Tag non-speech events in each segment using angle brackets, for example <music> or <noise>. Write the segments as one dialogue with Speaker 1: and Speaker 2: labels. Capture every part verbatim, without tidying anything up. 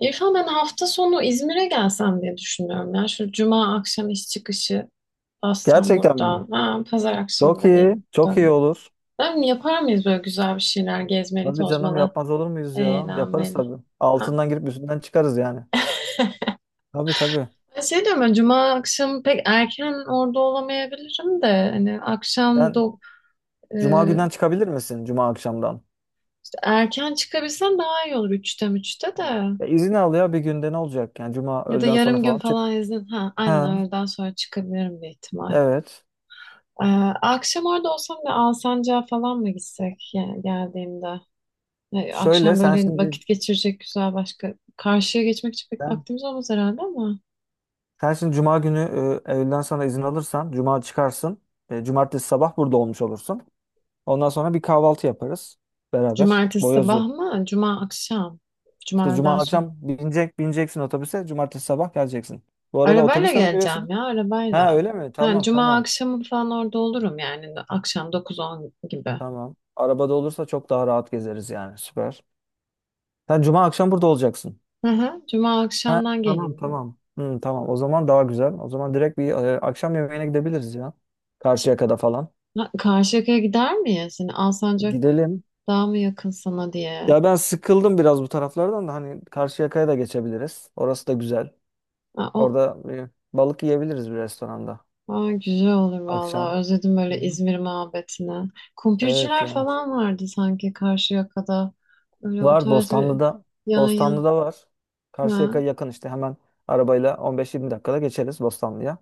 Speaker 1: İrfan, ben hafta sonu İzmir'e gelsem diye düşünüyorum ya. Şu cuma akşam iş çıkışı bassam
Speaker 2: Gerçekten mi?
Speaker 1: buradan. Ha, pazar akşamı
Speaker 2: Çok
Speaker 1: da
Speaker 2: iyi.
Speaker 1: gelin
Speaker 2: Çok iyi
Speaker 1: dönün.
Speaker 2: olur.
Speaker 1: Ben yapar mıyız böyle güzel bir şeyler gezmeli,
Speaker 2: Hadi canım,
Speaker 1: tozmalı,
Speaker 2: yapmaz olur muyuz ya? Yaparız
Speaker 1: eğlenmeli?
Speaker 2: tabii.
Speaker 1: Ha.
Speaker 2: Altından girip üstünden çıkarız yani. Tabii tabii.
Speaker 1: Ben şey diyorum, ben cuma akşamı pek erken orada olamayabilirim de hani akşam da
Speaker 2: Sen
Speaker 1: e,
Speaker 2: cuma günden çıkabilir misin? Cuma akşamdan.
Speaker 1: işte erken çıkabilsem daha iyi olur üçte üçte
Speaker 2: Hı.
Speaker 1: de.
Speaker 2: Ya izin al, ya bir günde ne olacak? Yani cuma
Speaker 1: Ya da
Speaker 2: öğleden sonra
Speaker 1: yarım gün
Speaker 2: falan çık.
Speaker 1: falan izin. Ha, aynen
Speaker 2: Ha,
Speaker 1: öğleden sonra çıkabilirim bir ihtimal.
Speaker 2: evet.
Speaker 1: Ee, Akşam orada olsam da Alsancak'a falan mı gitsek yani geldiğimde? Ee,
Speaker 2: Şöyle
Speaker 1: akşam
Speaker 2: sen
Speaker 1: böyle
Speaker 2: şimdi
Speaker 1: vakit geçirecek güzel başka. Karşıya geçmek için pek
Speaker 2: sen,
Speaker 1: vaktimiz olmaz herhalde ama.
Speaker 2: sen şimdi cuma günü e, öğleden sonra izin alırsan cuma çıkarsın. E, cumartesi sabah burada olmuş olursun. Ondan sonra bir kahvaltı yaparız beraber.
Speaker 1: Cumartesi
Speaker 2: Boyoz.
Speaker 1: sabah mı? Cuma akşam.
Speaker 2: İşte
Speaker 1: Cuma öğleden
Speaker 2: cuma
Speaker 1: sonra.
Speaker 2: akşam binecek, bineceksin otobüse. Cumartesi sabah geleceksin. Bu arada
Speaker 1: Arabayla
Speaker 2: otobüsle mi
Speaker 1: geleceğim
Speaker 2: geliyorsun?
Speaker 1: ya,
Speaker 2: Ha,
Speaker 1: arabayla.
Speaker 2: öyle mi?
Speaker 1: Ha,
Speaker 2: Tamam
Speaker 1: cuma
Speaker 2: tamam.
Speaker 1: akşamı falan orada olurum yani. Akşam dokuz on gibi.
Speaker 2: Tamam. Arabada olursa çok daha rahat gezeriz yani. Süper. Sen cuma akşam burada olacaksın.
Speaker 1: Hı hı. Cuma
Speaker 2: Ha,
Speaker 1: akşamdan
Speaker 2: tamam
Speaker 1: geleyim diyorum.
Speaker 2: tamam. Hı, tamam, o zaman daha güzel. O zaman direkt bir e, akşam yemeğine gidebiliriz ya.
Speaker 1: Ş-
Speaker 2: Karşıyaka'da falan.
Speaker 1: Ha, Karşıyaka'ya gider miyiz? Yani Alsancak
Speaker 2: Gidelim.
Speaker 1: daha mı yakın sana diye.
Speaker 2: Ya, ben sıkıldım biraz bu taraflardan da, hani Karşıyaka'ya da geçebiliriz. Orası da güzel.
Speaker 1: Ha. o
Speaker 2: Orada e, balık yiyebiliriz bir restoranda
Speaker 1: Aa, güzel olur
Speaker 2: akşam.
Speaker 1: vallahi. Özledim
Speaker 2: Hı
Speaker 1: böyle
Speaker 2: hı.
Speaker 1: İzmir muhabbetini.
Speaker 2: Evet
Speaker 1: Kumpirciler
Speaker 2: ya.
Speaker 1: falan vardı sanki Karşıyaka'da. Öyle o
Speaker 2: Var
Speaker 1: tarz bir
Speaker 2: Bostanlı'da.
Speaker 1: yan yan.
Speaker 2: Bostanlı'da var. Karşıyaka
Speaker 1: Ha,
Speaker 2: yakın işte, hemen arabayla on beş yirmi dakikada geçeriz Bostanlı'ya.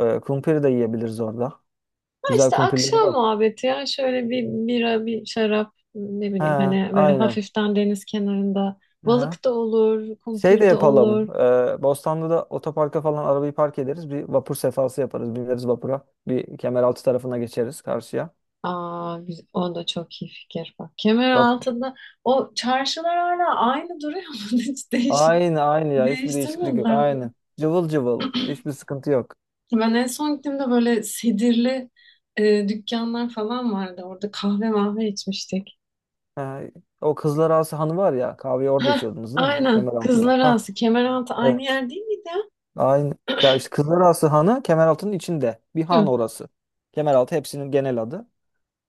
Speaker 2: Ee, kumpiri de yiyebiliriz orada.
Speaker 1: ha
Speaker 2: Güzel
Speaker 1: işte
Speaker 2: kumpirleri
Speaker 1: akşam
Speaker 2: var.
Speaker 1: muhabbeti ya. Şöyle bir bira, bir şarap, ne
Speaker 2: He,
Speaker 1: bileyim, hani böyle
Speaker 2: aynen.
Speaker 1: hafiften deniz kenarında.
Speaker 2: Aha.
Speaker 1: Balık da olur,
Speaker 2: Şey de
Speaker 1: kumpir de
Speaker 2: yapalım.
Speaker 1: olur.
Speaker 2: Ee, Bostanlı'da otoparka falan arabayı park ederiz. Bir vapur sefası yaparız. Bineriz vapura. Bir Kemeraltı tarafına geçeriz karşıya.
Speaker 1: Aa, güz- o da çok iyi fikir, bak. Kemer
Speaker 2: Vap
Speaker 1: altında o çarşılar hala aynı duruyor mu? <laughs> Hiç değiş
Speaker 2: Aynı aynı ya. Hiçbir değişiklik yok.
Speaker 1: değiştirmediler mi?
Speaker 2: Aynı. Cıvıl cıvıl. Hiçbir sıkıntı yok.
Speaker 1: Ben en son gittiğimde böyle sedirli e, dükkanlar falan vardı. Orada kahve mahve içmiştik.
Speaker 2: Ha, o Kızlar Ağası Hanı var ya. Kahveyi orada
Speaker 1: Heh,
Speaker 2: içiyordunuz değil mi?
Speaker 1: aynen.
Speaker 2: Kemeraltı'nda.
Speaker 1: Kızlar
Speaker 2: Ha,
Speaker 1: Ağası, Kemeraltı aynı
Speaker 2: evet.
Speaker 1: yer değil miydi ya?
Speaker 2: Aynı. Ya işte Kızlarası Hanı Kemeraltı'nın içinde. Bir han
Speaker 1: Hı,
Speaker 2: orası. Kemeraltı hepsinin genel adı.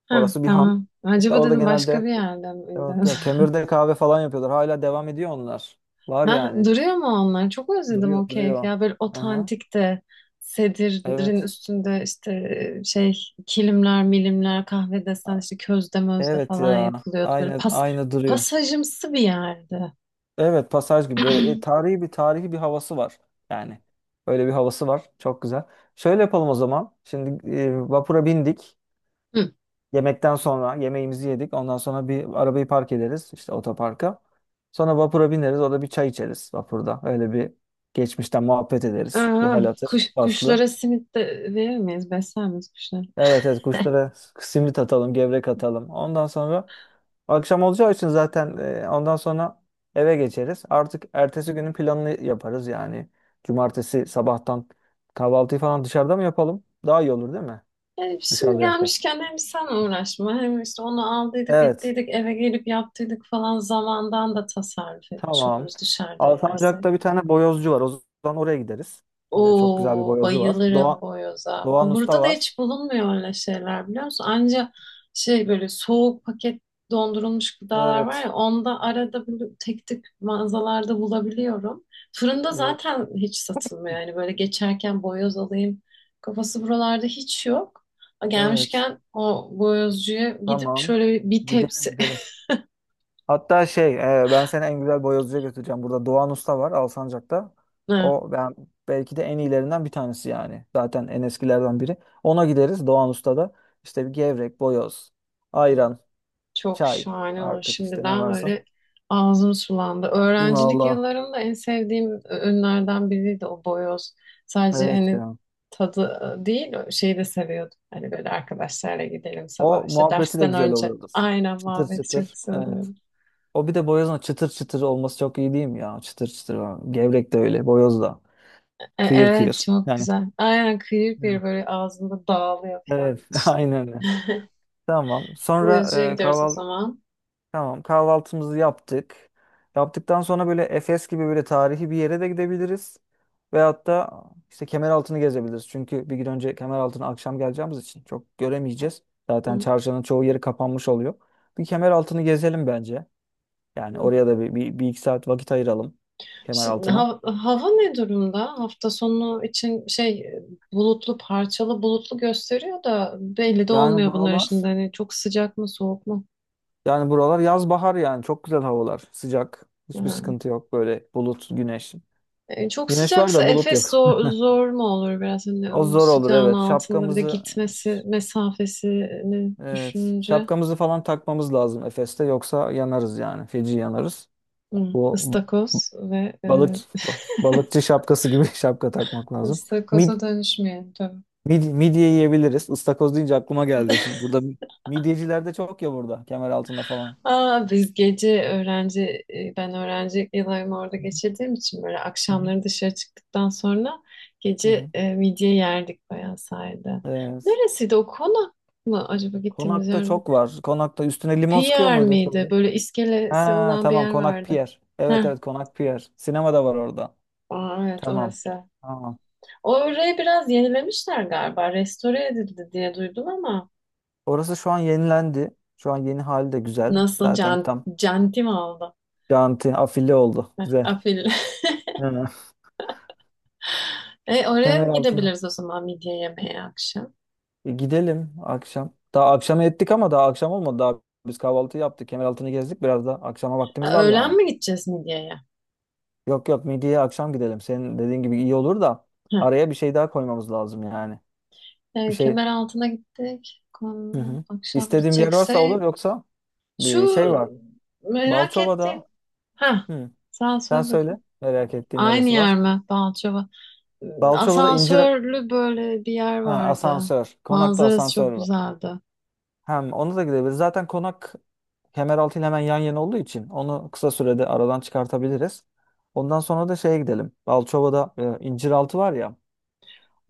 Speaker 1: heh,
Speaker 2: Orası bir han.
Speaker 1: tamam.
Speaker 2: İşte
Speaker 1: Acaba
Speaker 2: orada
Speaker 1: dedim, başka bir
Speaker 2: genelde,
Speaker 1: yerde miydi?
Speaker 2: yok, yok, kömürde kahve falan yapıyorlar. Hala devam ediyor onlar.
Speaker 1: <laughs>
Speaker 2: Var
Speaker 1: Heh,
Speaker 2: yani.
Speaker 1: duruyor mu onlar? Çok özledim
Speaker 2: Duruyor
Speaker 1: o keyfi
Speaker 2: duruyor.
Speaker 1: ya. Böyle
Speaker 2: Aha,
Speaker 1: otantik de sedirin
Speaker 2: evet.
Speaker 1: üstünde işte e, şey kilimler, milimler, kahve desen işte közde mözde
Speaker 2: Evet
Speaker 1: falan
Speaker 2: ya.
Speaker 1: yapılıyordu. Böyle
Speaker 2: Aynı
Speaker 1: pas,
Speaker 2: aynı duruyor.
Speaker 1: pasajımsı bir yerdi.
Speaker 2: Evet, pasaj gibi böyle e, tarihi bir tarihi bir havası var. Yani öyle bir havası var. Çok güzel. Şöyle yapalım o zaman. Şimdi e, vapura bindik.
Speaker 1: Hı.
Speaker 2: Yemekten sonra yemeğimizi yedik. Ondan sonra bir arabayı park ederiz işte otoparka. Sonra vapura bineriz. Orada bir çay içeriz vapurda. Öyle bir geçmişten muhabbet ederiz. Bir
Speaker 1: Aa,
Speaker 2: hal hatır
Speaker 1: kuş,
Speaker 2: aslı.
Speaker 1: kuşlara simit de verir miyiz? Besler miyiz kuşları?
Speaker 2: Evet evet, kuşlara simit atalım, gevrek atalım. Ondan sonra akşam olacağı için zaten e, ondan sonra eve geçeriz. Artık ertesi günün planını yaparız yani. Cumartesi sabahtan kahvaltıyı falan dışarıda mı yapalım? Daha iyi olur değil mi?
Speaker 1: Yani şimdi
Speaker 2: Dışarıda yapsak.
Speaker 1: gelmişken hem sen uğraşma, hem işte onu aldıydık
Speaker 2: Evet.
Speaker 1: ettiydik eve gelip yaptıydık falan zamandan da tasarruf etmiş
Speaker 2: Tamam.
Speaker 1: oluruz dışarıda yersek.
Speaker 2: Alsancak'ta bir tane boyozcu var. O zaman oraya gideriz. Ee, çok güzel bir
Speaker 1: Oo,
Speaker 2: boyozcu var.
Speaker 1: bayılırım
Speaker 2: Doğan,
Speaker 1: boyoza.
Speaker 2: Doğan
Speaker 1: Ama
Speaker 2: Usta
Speaker 1: burada da
Speaker 2: var.
Speaker 1: hiç bulunmuyor öyle şeyler, biliyor musun? Anca şey, böyle soğuk paket dondurulmuş gıdalar var
Speaker 2: Evet.
Speaker 1: ya, onda arada böyle tek tek mağazalarda bulabiliyorum. Fırında
Speaker 2: Evet.
Speaker 1: zaten hiç satılmıyor yani, böyle geçerken boyoz alayım kafası buralarda hiç yok.
Speaker 2: Evet.
Speaker 1: Gelmişken o boyozcuya gidip
Speaker 2: Tamam.
Speaker 1: şöyle bir bir
Speaker 2: Gidelim
Speaker 1: tepsi.
Speaker 2: gidelim.
Speaker 1: <laughs>
Speaker 2: Hatta şey e, ben seni en güzel boyozcuya götüreceğim. Burada Doğan Usta var Alsancak'ta.
Speaker 1: Ha.
Speaker 2: O, ben belki de en iyilerinden bir tanesi yani. Zaten en eskilerden biri. Ona gideriz, Doğan Usta'da. İşte bir gevrek, boyoz, ayran,
Speaker 1: Çok
Speaker 2: çay,
Speaker 1: şahane olur.
Speaker 2: artık işte ne
Speaker 1: Şimdiden
Speaker 2: varsa.
Speaker 1: böyle ağzım sulandı. Öğrencilik
Speaker 2: Valla
Speaker 1: yıllarımda en sevdiğim ürünlerden biriydi o boyoz. Sadece
Speaker 2: evet
Speaker 1: hani
Speaker 2: ya.
Speaker 1: tadı değil, şeyi de seviyordum. Hani böyle arkadaşlarla gidelim sabah
Speaker 2: O
Speaker 1: işte
Speaker 2: muhabbeti de
Speaker 1: dersten
Speaker 2: güzel
Speaker 1: önce.
Speaker 2: oluyordur.
Speaker 1: Aynen,
Speaker 2: Çıtır
Speaker 1: muhabbeti çok
Speaker 2: çıtır. Evet.
Speaker 1: seviyorum.
Speaker 2: O, bir de boyozun çıtır çıtır olması çok iyi değil mi ya? Çıtır çıtır falan. Gevrek de öyle. Boyoz da.
Speaker 1: E,
Speaker 2: Kıyır
Speaker 1: evet,
Speaker 2: kıyır.
Speaker 1: çok
Speaker 2: Yani.
Speaker 1: güzel. Aynen, kıyır kıyır
Speaker 2: Evet.
Speaker 1: böyle ağzında dağılıyor
Speaker 2: Evet.
Speaker 1: falan
Speaker 2: <laughs>
Speaker 1: işte.
Speaker 2: Aynen öyle.
Speaker 1: <laughs>
Speaker 2: Tamam.
Speaker 1: Bu
Speaker 2: Sonra
Speaker 1: yazıcıya
Speaker 2: e,
Speaker 1: gidiyoruz o
Speaker 2: kahval
Speaker 1: zaman.
Speaker 2: tamam, kahvaltımızı yaptık. Yaptıktan sonra böyle Efes gibi böyle tarihi bir yere de gidebiliriz. Veyahut da işte Kemeraltı'nı gezebiliriz. Çünkü bir gün önce Kemeraltı'na akşam geleceğimiz için çok göremeyeceğiz. Zaten
Speaker 1: Hı.
Speaker 2: çarşının çoğu yeri kapanmış oluyor. Bir Kemeraltı'nı gezelim bence. Yani
Speaker 1: Hmm.
Speaker 2: oraya da bir, bir, bir iki saat vakit ayıralım
Speaker 1: Şimdi
Speaker 2: Kemeraltı'na.
Speaker 1: ha- hava ne durumda? Hafta sonu için şey bulutlu, parçalı bulutlu gösteriyor da belli de
Speaker 2: Yani
Speaker 1: olmuyor bunlar
Speaker 2: buralar
Speaker 1: şimdi. Hani çok sıcak mı, soğuk mu?
Speaker 2: Yani buralar yaz bahar, yani çok güzel havalar. Sıcak. Hiçbir
Speaker 1: Ha.
Speaker 2: sıkıntı yok böyle, bulut, güneş.
Speaker 1: E, Çok
Speaker 2: Güneş var
Speaker 1: sıcaksa
Speaker 2: da bulut
Speaker 1: Efes
Speaker 2: yok.
Speaker 1: zor, zor mu olur biraz, hani
Speaker 2: O
Speaker 1: o
Speaker 2: zor olur,
Speaker 1: sıcağın
Speaker 2: evet.
Speaker 1: altında bir de
Speaker 2: Şapkamızı
Speaker 1: gitmesi mesafesini
Speaker 2: evet,
Speaker 1: düşününce...
Speaker 2: şapkamızı falan takmamız lazım Efes'te, yoksa yanarız yani. Feci yanarız.
Speaker 1: Hı,
Speaker 2: Bu
Speaker 1: ıstakoz ve
Speaker 2: balık
Speaker 1: e,
Speaker 2: balıkçı şapkası gibi <laughs> şapka takmak lazım. Mid,
Speaker 1: ıstakoza dönüşmeyelim tabii.
Speaker 2: mid, Midye yiyebiliriz. Istakoz deyince aklıma geldi
Speaker 1: <laughs>
Speaker 2: şimdi. Burada midyeciler de çok ya, burada Kemeraltı'nda falan.
Speaker 1: Aa, biz gece öğrenci e, ben öğrencilik yıllarımı orada
Speaker 2: Hı
Speaker 1: geçirdiğim için böyle
Speaker 2: hı.
Speaker 1: akşamları dışarı çıktıktan sonra
Speaker 2: Hı
Speaker 1: gece
Speaker 2: hı.
Speaker 1: e, midye yerdik bayağı sahilde.
Speaker 2: Evet.
Speaker 1: Neresiydi o, konak mı acaba gittiğimiz
Speaker 2: Konak'ta
Speaker 1: yer?
Speaker 2: çok var. Konak'ta üstüne limon sıkıyor
Speaker 1: Pier
Speaker 2: muydun
Speaker 1: miydi?
Speaker 2: şöyle?
Speaker 1: Böyle iskelesi
Speaker 2: Ha,
Speaker 1: olan bir
Speaker 2: tamam,
Speaker 1: yer
Speaker 2: Konak
Speaker 1: vardı.
Speaker 2: Pier. Evet
Speaker 1: Heh.
Speaker 2: evet, Konak Pier. Sinema da var orada.
Speaker 1: Aa, evet,
Speaker 2: Tamam.
Speaker 1: orası.
Speaker 2: Tamam.
Speaker 1: Orayı biraz yenilemişler galiba. Restore edildi diye duydum ama
Speaker 2: Orası şu an yenilendi. Şu an yeni hali de güzel.
Speaker 1: nasıl
Speaker 2: Zaten
Speaker 1: can,
Speaker 2: tam
Speaker 1: canti mi oldu?
Speaker 2: janti afili oldu.
Speaker 1: Heh,
Speaker 2: Güzel.
Speaker 1: afil. <laughs>
Speaker 2: Hı.
Speaker 1: E, oraya
Speaker 2: Kemeraltı.
Speaker 1: gidebiliriz o zaman, midye yemeye, akşam.
Speaker 2: E, gidelim akşam. Daha akşama ettik ama daha akşam olmadı. Daha biz kahvaltı yaptık. Kemeraltı'nı gezdik. Biraz da akşama vaktimiz
Speaker 1: Ha,
Speaker 2: var
Speaker 1: öğlen
Speaker 2: yani.
Speaker 1: mi gideceğiz midyeye?
Speaker 2: Yok yok, midyeye akşam gidelim. Senin dediğin gibi iyi olur da
Speaker 1: Heh.
Speaker 2: araya bir şey daha koymamız lazım yani. Bir
Speaker 1: E,
Speaker 2: şey
Speaker 1: kemer altına gittik.
Speaker 2: Hı
Speaker 1: Konu-
Speaker 2: hı.
Speaker 1: Akşam
Speaker 2: istediğim bir yer varsa
Speaker 1: gidecekse
Speaker 2: olur, yoksa
Speaker 1: şu
Speaker 2: bir şey var.
Speaker 1: merak ettiğim.
Speaker 2: Balçova'da,
Speaker 1: Ha,
Speaker 2: hı,
Speaker 1: sen
Speaker 2: sen
Speaker 1: söyle
Speaker 2: söyle,
Speaker 1: bakayım.
Speaker 2: merak ettiğin
Speaker 1: Aynı
Speaker 2: neresi var?
Speaker 1: yer mi? Balçova.
Speaker 2: Balçova'da incir
Speaker 1: Asansörlü böyle bir yer
Speaker 2: Ha,
Speaker 1: vardı.
Speaker 2: asansör. Konakta
Speaker 1: Manzarası
Speaker 2: asansör
Speaker 1: çok
Speaker 2: var.
Speaker 1: güzeldi.
Speaker 2: Hem onu da gidebiliriz. Zaten konak Kemeraltı ile hemen yan yana olduğu için onu kısa sürede aradan çıkartabiliriz. Ondan sonra da şeye gidelim. Balçova'da e, inciraltı var ya.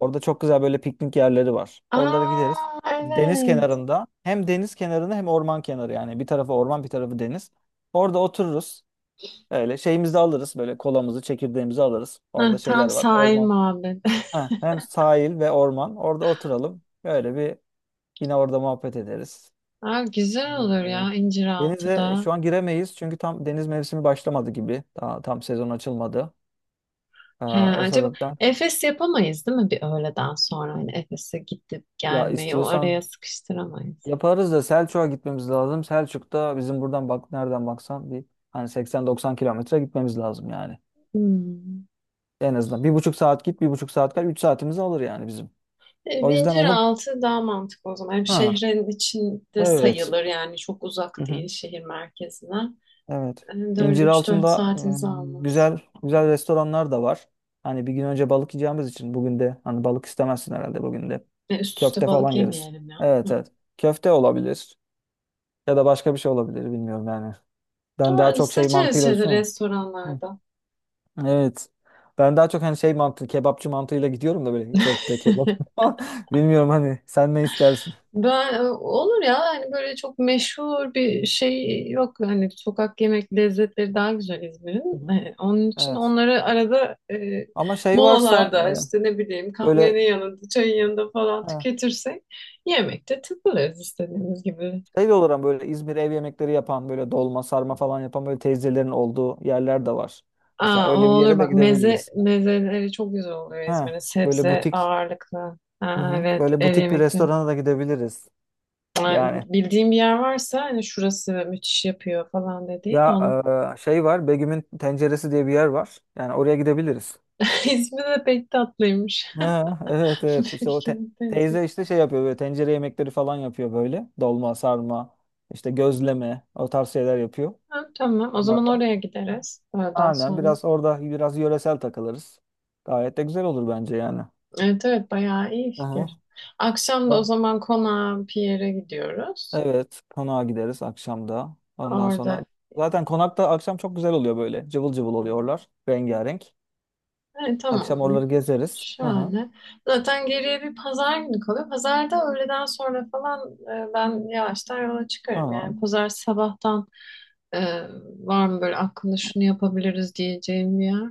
Speaker 2: Orada çok güzel böyle piknik yerleri var. Oralara gideriz.
Speaker 1: Aa,
Speaker 2: Deniz
Speaker 1: evet.
Speaker 2: kenarında Hem deniz kenarında hem orman kenarı yani. Bir tarafı orman, bir tarafı deniz. Orada otururuz. Öyle şeyimizi de alırız, böyle kolamızı çekirdeğimizi alırız.
Speaker 1: Heh,
Speaker 2: Orada
Speaker 1: tam
Speaker 2: şeyler var,
Speaker 1: sahil
Speaker 2: orman.
Speaker 1: muhabbeti.
Speaker 2: Heh, hem sahil ve orman, orada oturalım. Böyle bir, yine orada muhabbet ederiz.
Speaker 1: <laughs> Aa, güzel olur
Speaker 2: Hmm.
Speaker 1: ya
Speaker 2: Denize
Speaker 1: İnciraltı'da.
Speaker 2: şu an giremeyiz çünkü tam deniz mevsimi başlamadı gibi. Daha tam sezon açılmadı. Ee,
Speaker 1: He,
Speaker 2: o
Speaker 1: acaba
Speaker 2: sebepten,
Speaker 1: Efes yapamayız değil mi bir öğleden sonra? Hani Efes'e gidip
Speaker 2: ya
Speaker 1: gelmeyi o araya
Speaker 2: istiyorsan
Speaker 1: sıkıştıramayız.
Speaker 2: yaparız da, Selçuk'a gitmemiz lazım. Selçuk'ta bizim buradan bak, nereden baksan bir, hani seksen doksan kilometre gitmemiz lazım yani.
Speaker 1: Hmm.
Speaker 2: En azından bir buçuk saat git, bir buçuk saat kal, üç saatimizi alır yani bizim.
Speaker 1: E,
Speaker 2: O
Speaker 1: bir
Speaker 2: yüzden onu
Speaker 1: İnciraltı daha mantıklı o zaman. Hem
Speaker 2: Ha,
Speaker 1: şehrin içinde
Speaker 2: evet.
Speaker 1: sayılır, yani çok uzak
Speaker 2: Hı hı.
Speaker 1: değil şehir merkezine.
Speaker 2: Evet.
Speaker 1: Hem de öyle üç dört
Speaker 2: İnciraltı'nda
Speaker 1: saatimizi
Speaker 2: e,
Speaker 1: almaz.
Speaker 2: güzel güzel restoranlar da var. Hani bir gün önce balık yiyeceğimiz için bugün de, hani, balık istemezsin herhalde bugün de.
Speaker 1: E, üst üste
Speaker 2: Köfte falan
Speaker 1: balık
Speaker 2: yeriz.
Speaker 1: yemeyelim ya.
Speaker 2: Evet
Speaker 1: Hı.
Speaker 2: evet. Köfte olabilir ya da başka bir şey olabilir, bilmiyorum yani. Ben daha
Speaker 1: Ama
Speaker 2: çok şey
Speaker 1: seçeriz
Speaker 2: mantığıyla
Speaker 1: şeyde,
Speaker 2: düşünüyorum.
Speaker 1: restoranlarda.
Speaker 2: Evet. Ben daha çok hani şey mantığı, kebapçı mantığıyla gidiyorum da böyle,
Speaker 1: <laughs>
Speaker 2: köfte, kebap. <laughs> Bilmiyorum, hani sen ne istersin?
Speaker 1: Ben e, olur ya hani böyle çok meşhur bir şey yok, hani sokak yemek lezzetleri daha güzel
Speaker 2: Hı
Speaker 1: İzmir'in.
Speaker 2: hı.
Speaker 1: E, onun için
Speaker 2: Evet.
Speaker 1: onları arada e,
Speaker 2: Ama şey varsa
Speaker 1: molalarda
Speaker 2: e,
Speaker 1: işte ne bileyim
Speaker 2: böyle,
Speaker 1: kahvenin yanında, çayın yanında falan
Speaker 2: ha,
Speaker 1: tüketirsek yemekte takılırız istediğimiz gibi.
Speaker 2: şey de olur ama, böyle İzmir ev yemekleri yapan, böyle dolma, sarma falan yapan, böyle teyzelerin olduğu yerler de var. Mesela
Speaker 1: Aa, o
Speaker 2: öyle bir
Speaker 1: olur
Speaker 2: yere de
Speaker 1: bak, meze
Speaker 2: gidebiliriz.
Speaker 1: mezeleri çok güzel oluyor
Speaker 2: Ha,
Speaker 1: İzmir'in,
Speaker 2: böyle
Speaker 1: sebze
Speaker 2: butik.
Speaker 1: ağırlıklı.
Speaker 2: Hı
Speaker 1: Aa,
Speaker 2: hı.
Speaker 1: evet,
Speaker 2: Böyle
Speaker 1: ev
Speaker 2: butik bir
Speaker 1: yemekte.
Speaker 2: restorana da gidebiliriz.
Speaker 1: Yani
Speaker 2: Yani,
Speaker 1: bildiğim bir yer varsa hani şurası müthiş yapıyor falan dediğin
Speaker 2: ya,
Speaker 1: onun...
Speaker 2: e, şey var, Begüm'ün Tenceresi diye bir yer var. Yani oraya gidebiliriz.
Speaker 1: <laughs> ismi de pek tatlıymış.
Speaker 2: Ha, evet evet,
Speaker 1: <laughs>
Speaker 2: işte o te-
Speaker 1: Kimin teyze?
Speaker 2: teyze, işte şey yapıyor, böyle tencere yemekleri falan yapıyor böyle. Dolma, sarma, işte gözleme, o tarz şeyler yapıyor.
Speaker 1: Ha, tamam, o zaman
Speaker 2: Bunlardan.
Speaker 1: oraya gideriz öğleden
Speaker 2: Aynen,
Speaker 1: sonra.
Speaker 2: biraz orada biraz yöresel takılırız. Gayet de güzel olur bence yani.
Speaker 1: Evet evet, bayağı iyi
Speaker 2: Aha.
Speaker 1: fikir. Akşam da o
Speaker 2: O-
Speaker 1: zaman konağa bir yere gidiyoruz.
Speaker 2: Evet, konağa gideriz akşamda. Ondan sonra
Speaker 1: Orada,
Speaker 2: zaten konakta akşam çok güzel oluyor böyle. Cıvıl cıvıl oluyorlar, rengarenk.
Speaker 1: evet,
Speaker 2: Akşam
Speaker 1: tamamdır.
Speaker 2: oraları gezeriz. Aha.
Speaker 1: Şahane. Zaten geriye bir pazar günü kalıyor. Pazarda öğleden sonra falan e, ben yavaştan yola çıkarım.
Speaker 2: Tamam.
Speaker 1: Yani pazar sabahtan... Ee, Var mı böyle aklında şunu yapabiliriz diyeceğim bir yer?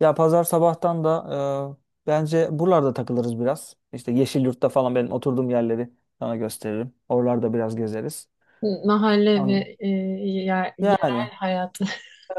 Speaker 2: Ya pazar sabahtan da e, bence buralarda takılırız biraz. İşte Yeşilyurt'ta falan benim oturduğum yerleri sana gösteririm. Oralarda biraz gezeriz.
Speaker 1: Mahalle
Speaker 2: An
Speaker 1: ve e, yer- yerel
Speaker 2: Yani,
Speaker 1: hayatı.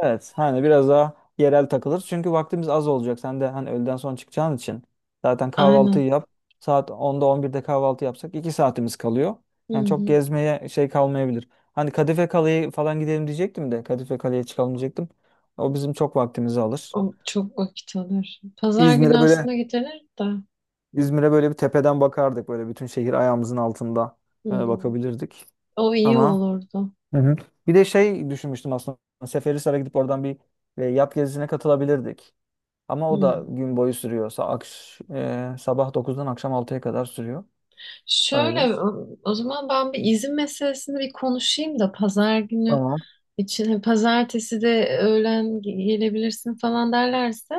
Speaker 2: evet, hani biraz daha yerel takılırız. Çünkü vaktimiz az olacak. Sen de hani öğleden sonra çıkacağın için zaten
Speaker 1: <laughs> Aynen.
Speaker 2: kahvaltıyı yap. Saat onda on birde kahvaltı yapsak iki saatimiz kalıyor.
Speaker 1: Hı
Speaker 2: Yani çok
Speaker 1: hı.
Speaker 2: gezmeye şey kalmayabilir. Hani Kadife Kale'ye falan gidelim diyecektim de Kadife Kale'ye çıkalım diyecektim. O bizim çok vaktimizi alır.
Speaker 1: O çok vakit alır. Pazar günü
Speaker 2: İzmir'e böyle
Speaker 1: aslında gidilir de.
Speaker 2: İzmir'e böyle bir tepeden bakardık. Böyle bütün şehir ayağımızın altında e,
Speaker 1: Hı.
Speaker 2: bakabilirdik.
Speaker 1: O iyi
Speaker 2: Ama,
Speaker 1: olurdu.
Speaker 2: hı hı, bir de şey düşünmüştüm aslında. Seferihisar'a gidip oradan bir e, yat gezisine katılabilirdik. Ama o da
Speaker 1: Hı.
Speaker 2: gün boyu sürüyor. Sa akş e, sabah dokuzdan akşam altıya kadar sürüyor. Öyle.
Speaker 1: Şöyle o, o zaman ben bir izin meselesini bir konuşayım da pazar günü
Speaker 2: Tamam.
Speaker 1: için, hani pazartesi de öğlen ge- gelebilirsin falan derlerse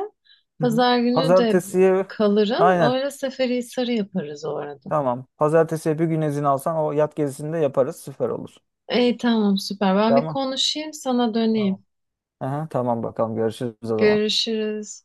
Speaker 2: Hı hı.
Speaker 1: pazar günü de
Speaker 2: Pazartesiye
Speaker 1: kalırım.
Speaker 2: aynen.
Speaker 1: Öyle Seferihisar'ı yaparız o arada.
Speaker 2: Tamam. Pazartesiye bir gün izin alsan o yat gezisini de yaparız. Süper olur.
Speaker 1: İyi, tamam, süper. Ben bir
Speaker 2: Tamam.
Speaker 1: konuşayım, sana
Speaker 2: Tamam.
Speaker 1: döneyim.
Speaker 2: Aha, tamam bakalım. Görüşürüz o zaman.
Speaker 1: Görüşürüz.